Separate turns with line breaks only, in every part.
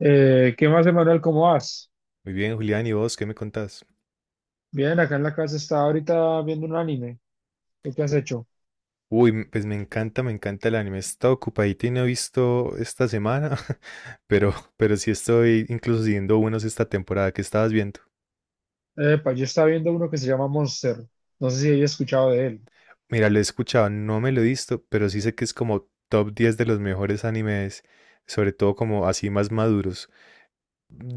¿Qué más, Emanuel? ¿Cómo vas?
Muy bien, Julián, ¿y vos qué me contás?
Bien, acá en la casa estaba ahorita viendo un anime. ¿Tú qué has
U-
hecho?
Pues me encanta el anime. He estado ocupadito y no he visto esta semana, pero sí estoy incluso siguiendo unos esta temporada que estabas viendo.
Epa, yo estaba viendo uno que se llama Monster. No sé si hayas escuchado de él.
Mira, lo he escuchado, no me lo he visto, pero sí sé que es como top 10 de los mejores animes, sobre todo como así más maduros.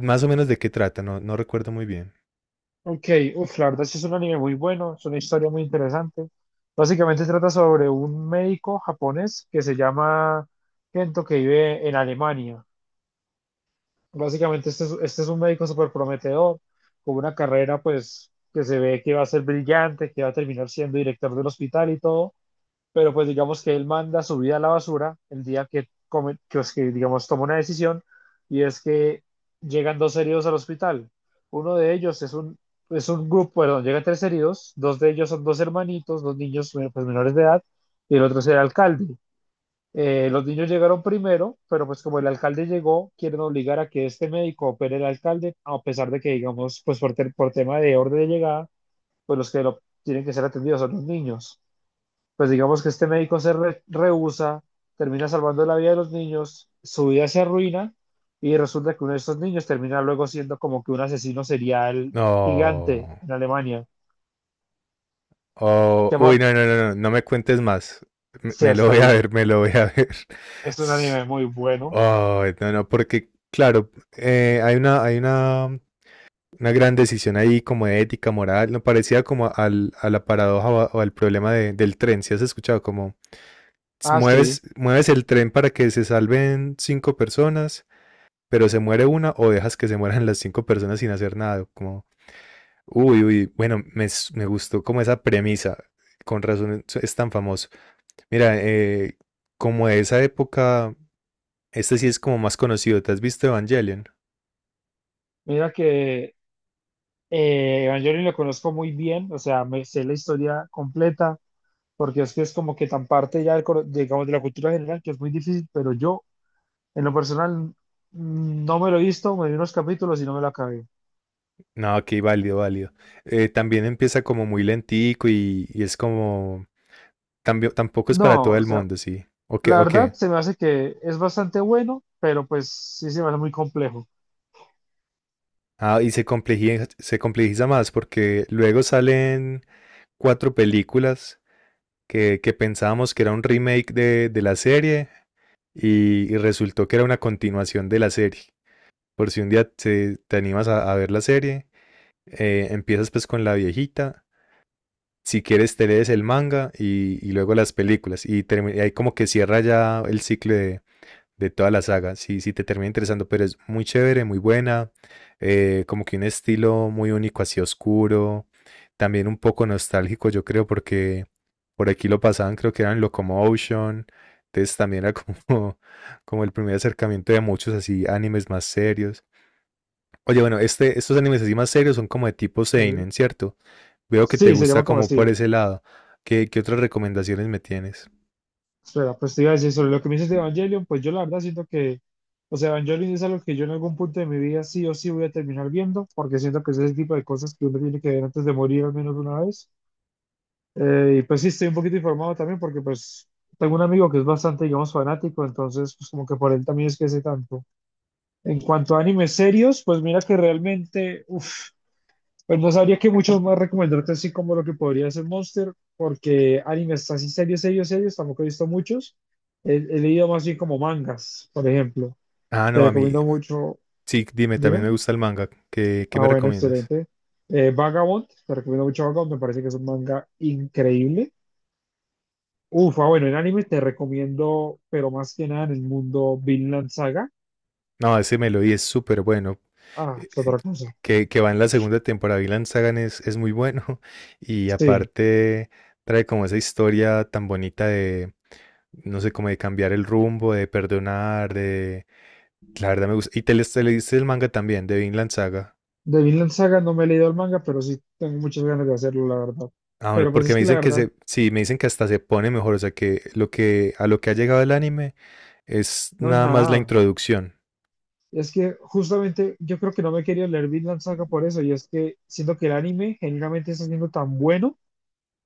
Más o menos de qué trata, no recuerdo muy bien.
Ok, uf, la verdad sí es un anime muy bueno, es una historia muy interesante. Básicamente trata sobre un médico japonés que se llama Kento que vive en Alemania. Básicamente este es un médico súper prometedor, con una carrera pues que se ve que va a ser brillante, que va a terminar siendo director del hospital y todo, pero pues digamos que él manda su vida a la basura el día que, digamos, toma una decisión y es que llegan dos heridos al hospital. Uno de ellos es un grupo, perdón, llegan tres heridos, dos de ellos son dos hermanitos, dos niños, pues, menores de edad, y el otro es el alcalde. Los niños llegaron primero, pero pues como el alcalde llegó, quieren obligar a que este médico opere al alcalde, a pesar de que, digamos, pues por, por tema de orden de llegada, pues los que lo tienen que ser atendidos son los niños. Pues digamos que este médico se rehúsa, termina salvando la vida de los niños, su vida se arruina y resulta que uno de estos niños termina luego siendo como que un asesino serial gigante
No.
en Alemania.
Oh,
Que
uy,
apar-
no, no, no, no, no me cuentes más. Me,
sí,
me lo
hasta
voy a
ahí.
ver, me lo voy a ver.
Es un anime muy bueno.
Ay, no, no, porque, claro, hay una gran decisión ahí como de ética, moral, no parecía como a la paradoja o, o al problema del tren, ¿si has escuchado? Como
Ah,
mueves,
sí.
mueves el tren para que se salven cinco personas, pero se muere una o dejas que se mueran las cinco personas sin hacer nada, como, uy, uy, bueno, me gustó como esa premisa, con razón es tan famoso. Mira, como de esa época, este sí es como más conocido. ¿Te has visto Evangelion?
Mira que Evangelion lo conozco muy bien, o sea, me sé la historia completa, porque es que es como que tan parte ya, digamos, de la cultura general que es muy difícil, pero yo, en lo personal, no me lo he visto, me vi unos capítulos y no me lo acabé.
No, ok, válido, válido. También empieza como muy lentico y es como... también tampoco es para
No,
todo
o
el
sea,
mundo, sí. Ok,
la
ok.
verdad se me hace que es bastante bueno, pero pues sí se me hace muy complejo.
Ah, y se complejiza más porque luego salen cuatro películas que pensábamos que era un remake de la serie y resultó que era una continuación de la serie. Por si un día te animas a ver la serie, empiezas pues con la viejita. Si quieres te lees el manga y luego las películas. Y, y ahí como que cierra ya el ciclo de toda la saga. Si te termina interesando, pero es muy chévere, muy buena. Como que un estilo muy único, así oscuro. También un poco nostálgico, yo creo, porque por aquí lo pasaban, creo que eran Locomotion. Entonces también era como, como el primer acercamiento de muchos así animes más serios. Oye, bueno, estos animes así más serios son como de tipo
¿Sí?
seinen, ¿cierto? Veo que te
Sí, se
gusta
llama como
como por
así.
ese lado. ¿Qué, qué otras recomendaciones me tienes?
Espera, pues te iba a decir sobre lo que me dices de Evangelion, pues yo la verdad siento que, o sea, Evangelion es algo que yo en algún punto de mi vida sí o sí voy a terminar viendo, porque siento que es ese tipo de cosas que uno tiene que ver antes de morir al menos una vez. Y pues sí, estoy un poquito informado también porque pues tengo un amigo que es bastante, digamos, fanático, entonces pues como que por él también es que sé tanto. En cuanto a animes serios, pues mira que realmente, uff. Pues no sabría que mucho más recomendarte así como lo que podría ser Monster, porque animes así serios, serios, serios, tampoco he visto muchos. He leído más bien como mangas, por ejemplo.
Ah,
Te
no, a mí,
recomiendo mucho,
sí, dime, también
dime.
me gusta el manga. ¿Qué, qué
Ah,
me
bueno,
recomiendas?
excelente. Vagabond, te recomiendo mucho Vagabond, me parece que es un manga increíble. Uf, ah, bueno, en anime te recomiendo, pero más que nada en el mundo Vinland Saga.
No, ese Melody es súper bueno.
Ah,
Eh,
es
eh,
otra cosa.
Que va en la segunda temporada, Vinland Saga es muy bueno. Y
Sí,
aparte trae como esa historia tan bonita de, no sé, como de cambiar el rumbo, de perdonar, de... La verdad me gusta. Y te leíste el manga también, de Vinland Saga.
de Vinland Saga no me he leído el manga, pero sí tengo muchas ganas de hacerlo, la verdad.
Ah, bueno,
Pero pues
porque
es
me
que la
dicen
verdad
sí, me dicen que hasta se pone mejor, o sea que lo que a lo que ha llegado el anime es
no es
nada más la
nada.
introducción.
Es que justamente yo creo que no me quería leer Vinland Saga por eso, y es que siento que el anime generalmente está siendo tan bueno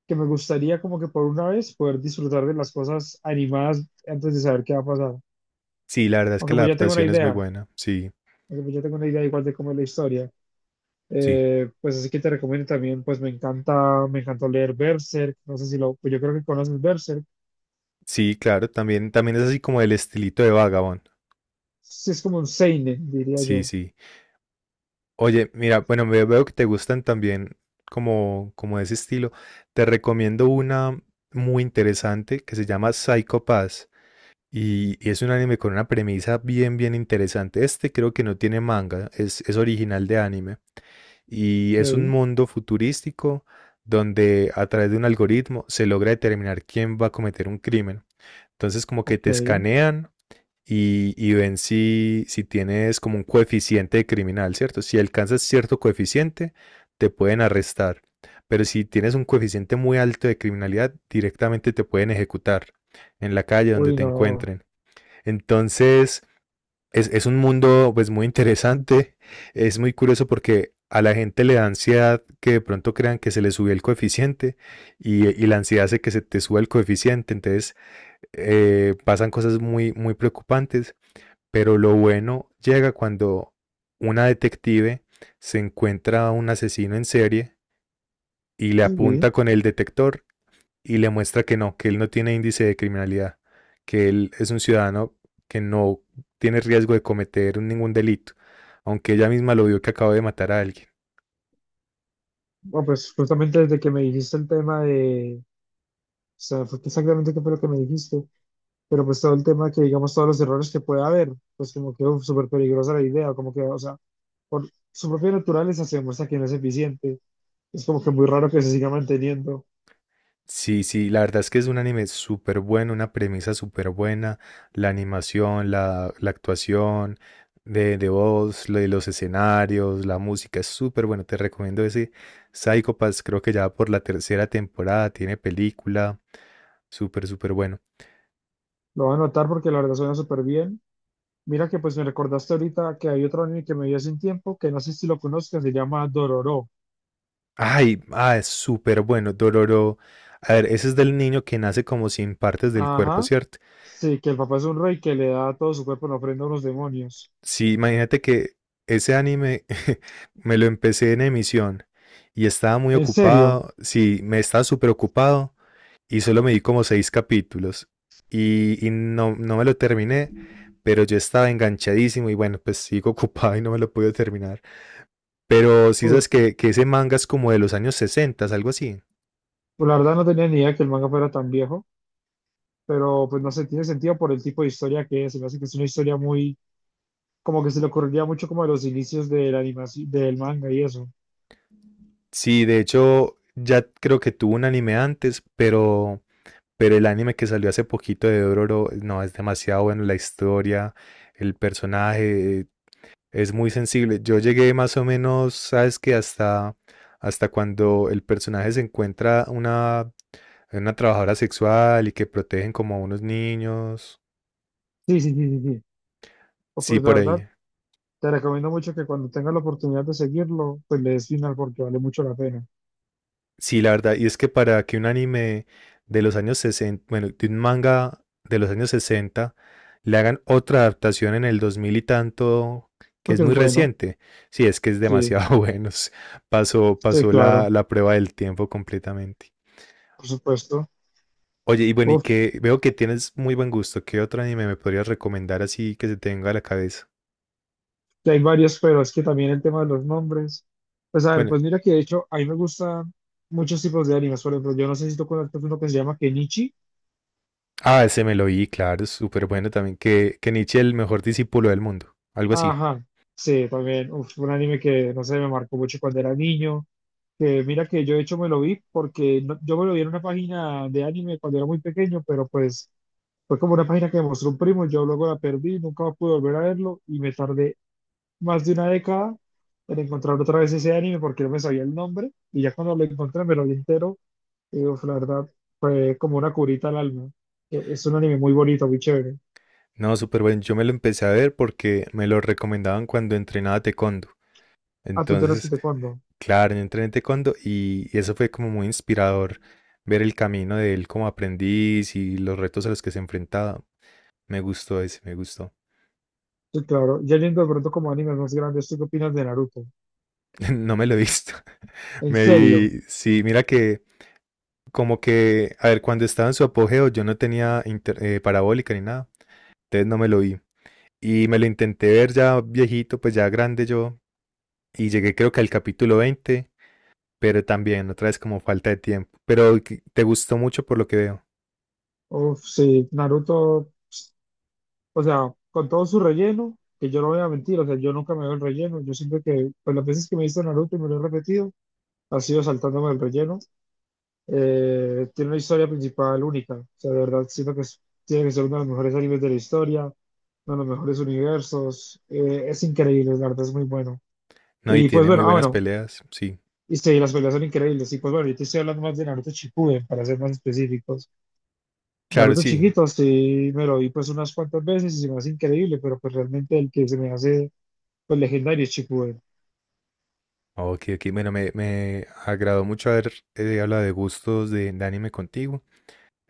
que me gustaría como que por una vez poder disfrutar de las cosas animadas antes de saber qué va a pasar.
Sí, la verdad es que
Aunque
la
pues ya tengo una
adaptación es muy
idea,
buena. Sí,
aunque pues ya tengo una idea igual de cómo es la historia.
sí.
Pues así que te recomiendo también, pues me encantó leer Berserk, no sé si lo, pues yo creo que conoces Berserk,
Sí, claro, también es así como el estilito de Vagabond.
sí es como un seinen, diría
Sí,
yo.
sí. Oye, mira, bueno, veo que te gustan también como de ese estilo. Te recomiendo una muy interesante que se llama Psycho Pass y es un anime con una premisa bien interesante. Este creo que no tiene manga, es original de anime. Y es un
Ok,
mundo futurístico donde a través de un algoritmo se logra determinar quién va a cometer un crimen. Entonces como que
ok,
te escanean y ven si tienes como un coeficiente de criminal, ¿cierto? Si alcanzas cierto coeficiente, te pueden arrestar. Pero si tienes un coeficiente muy alto de criminalidad, directamente te pueden ejecutar en la calle donde
uy
te
no,
encuentren. Entonces, es un mundo pues muy interesante, es muy curioso porque a la gente le da ansiedad que de pronto crean que se le subió el coeficiente y la ansiedad hace que se te suba el coeficiente, entonces pasan cosas muy, muy preocupantes, pero lo bueno llega cuando una detective se encuentra a un asesino en serie y le
sí.
apunta con el detector y le muestra que no, que él no tiene índice de criminalidad, que él es un ciudadano que no tiene riesgo de cometer ningún delito, aunque ella misma lo vio que acaba de matar a alguien.
Bueno, pues justamente desde que me dijiste el tema de, o sea, fue exactamente qué fue lo que me dijiste, pero pues todo el tema que digamos todos los errores que puede haber, pues como que uf, súper peligrosa la idea, como que, o sea, por su propia naturaleza se demuestra que no es eficiente, es como que muy raro que se siga manteniendo.
Sí, sí, la verdad es que es un anime súper bueno, una premisa súper buena, la animación, la actuación de voz, lo de los escenarios, la música es súper bueno, te recomiendo ese Psycho Pass, creo que ya por la tercera temporada tiene película, súper, súper bueno.
Lo voy a anotar porque la verdad suena súper bien. Mira que pues me recordaste ahorita que hay otro anime que me vi hace un tiempo, que no sé si lo conozcas, se llama Dororo.
Ay, ah, es súper bueno, Dororo. A ver, ese es del niño que nace como sin partes del cuerpo,
Ajá,
¿cierto?
sí, que el papá es un rey que le da todo su cuerpo en ofrenda a unos demonios.
Sí, imagínate que ese anime me lo empecé en emisión y estaba muy
¿En serio?
ocupado, sí, me estaba súper ocupado y solo me di como seis capítulos no me lo terminé, pero yo estaba enganchadísimo y bueno, pues sigo ocupado y no me lo pude terminar. Pero sí sabes que ese manga es como de los años 60, algo así.
Pues la verdad no tenía ni idea que el manga fuera tan viejo, pero pues no sé, tiene sentido por el tipo de historia que es. Se me hace que es una historia muy, como que se le ocurriría mucho como de los inicios de la animación, del manga y eso.
Sí, de hecho, ya creo que tuvo un anime antes, pero el anime que salió hace poquito de Dororo, no, es demasiado bueno la historia, el personaje, es muy sensible. Yo llegué más o menos, sabes que hasta cuando el personaje se encuentra una trabajadora sexual y que protegen como a unos niños.
Sí, sí, sí, sí, sí. O,
Sí,
pues la
por
verdad,
ahí.
te recomiendo mucho que cuando tengas la oportunidad de seguirlo, pues le des final porque vale mucho la pena.
Sí, la verdad, y es que para que un anime de los años 60, bueno, de un manga de los años 60 le hagan otra adaptación en el 2000 y tanto, que es
Porque
muy
es bueno,
reciente, sí, es que es
sí,
demasiado bueno, s- pasó,
sí,
pasó
claro,
la prueba del tiempo completamente.
por supuesto.
Oye, y bueno, y
Uf,
que veo que tienes muy buen gusto, ¿qué otro anime me podrías recomendar así que se tenga a la cabeza?
que hay varios, pero es que también el tema de los nombres. Pues a ver,
Bueno,
pues mira que de hecho a mí me gustan muchos tipos de animes. Por ejemplo, yo no sé si tú conoces uno que se llama Kenichi.
ah, ese me lo vi, claro, súper bueno también, que Nietzsche el mejor discípulo del mundo, algo así.
Ajá, sí, también. Uf, un anime que, no sé, me marcó mucho cuando era niño. Que mira que yo de hecho me lo vi porque yo me lo vi en una página de anime cuando era muy pequeño, pero pues fue como una página que me mostró un primo, yo luego la perdí, nunca pude volver a verlo y me tardé más de una década en encontrar otra vez ese anime porque no me sabía el nombre y ya cuando lo encontré me lo vi entero y uf, la verdad fue como una curita al alma. Es un anime muy bonito, muy chévere.
No, súper bueno. Yo me lo empecé a ver porque me lo recomendaban cuando entrenaba taekwondo.
Ah, tú tienes que
Entonces,
te cuento.
claro, yo entrené taekwondo y eso fue como muy inspirador ver el camino de él como aprendiz y los retos a los que se enfrentaba. Me gustó ese, me gustó.
Sí, claro. Ya yendo de pronto como animes más grandes, ¿tú qué opinas de Naruto?
No me lo he visto.
En
Me
serio.
vi, sí, mira que como que, a ver, cuando estaba en su apogeo yo no tenía parabólica ni nada, entonces no me lo vi. Y me lo intenté ver ya viejito, pues ya grande yo, y llegué creo que al capítulo 20. Pero también otra vez como falta de tiempo. Pero que- te gustó mucho por lo que veo.
Uf, sí, Naruto, o sea, con todo su relleno, que yo no voy a mentir, o sea, yo nunca me veo el relleno. Yo siempre que, pues las veces que me he visto Naruto y me lo he repetido, ha sido saltándome el relleno. Tiene una historia principal única. O sea, de verdad, siento que tiene que ser uno de los mejores animes de la historia, uno de los mejores universos. Es increíble, la verdad, es muy bueno.
No, y
Y pues
tiene muy
bueno, ah,
buenas
bueno,
peleas, sí.
y sí, las peleas son increíbles. Y pues bueno, yo te estoy hablando más de Naruto Shippuden, para ser más específicos.
Claro,
Naruto
sí.
chiquito, sí, me lo vi pues unas cuantas veces y se me hace increíble, pero pues realmente el que se me hace pues legendario es Shippuden.
Ok, ok. Bueno, me agradó mucho haber hablado de gustos de anime contigo.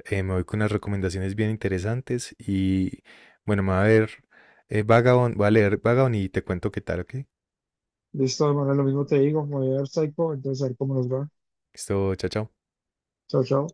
Me voy con unas recomendaciones bien interesantes y bueno, me va a ver Vagabond, voy a leer Vagabond y te cuento qué tal, ¿ok?
De esta manera lo mismo te digo, como de Psycho, entonces a ver cómo nos va.
Listo, chao, chao.
Chao, chao.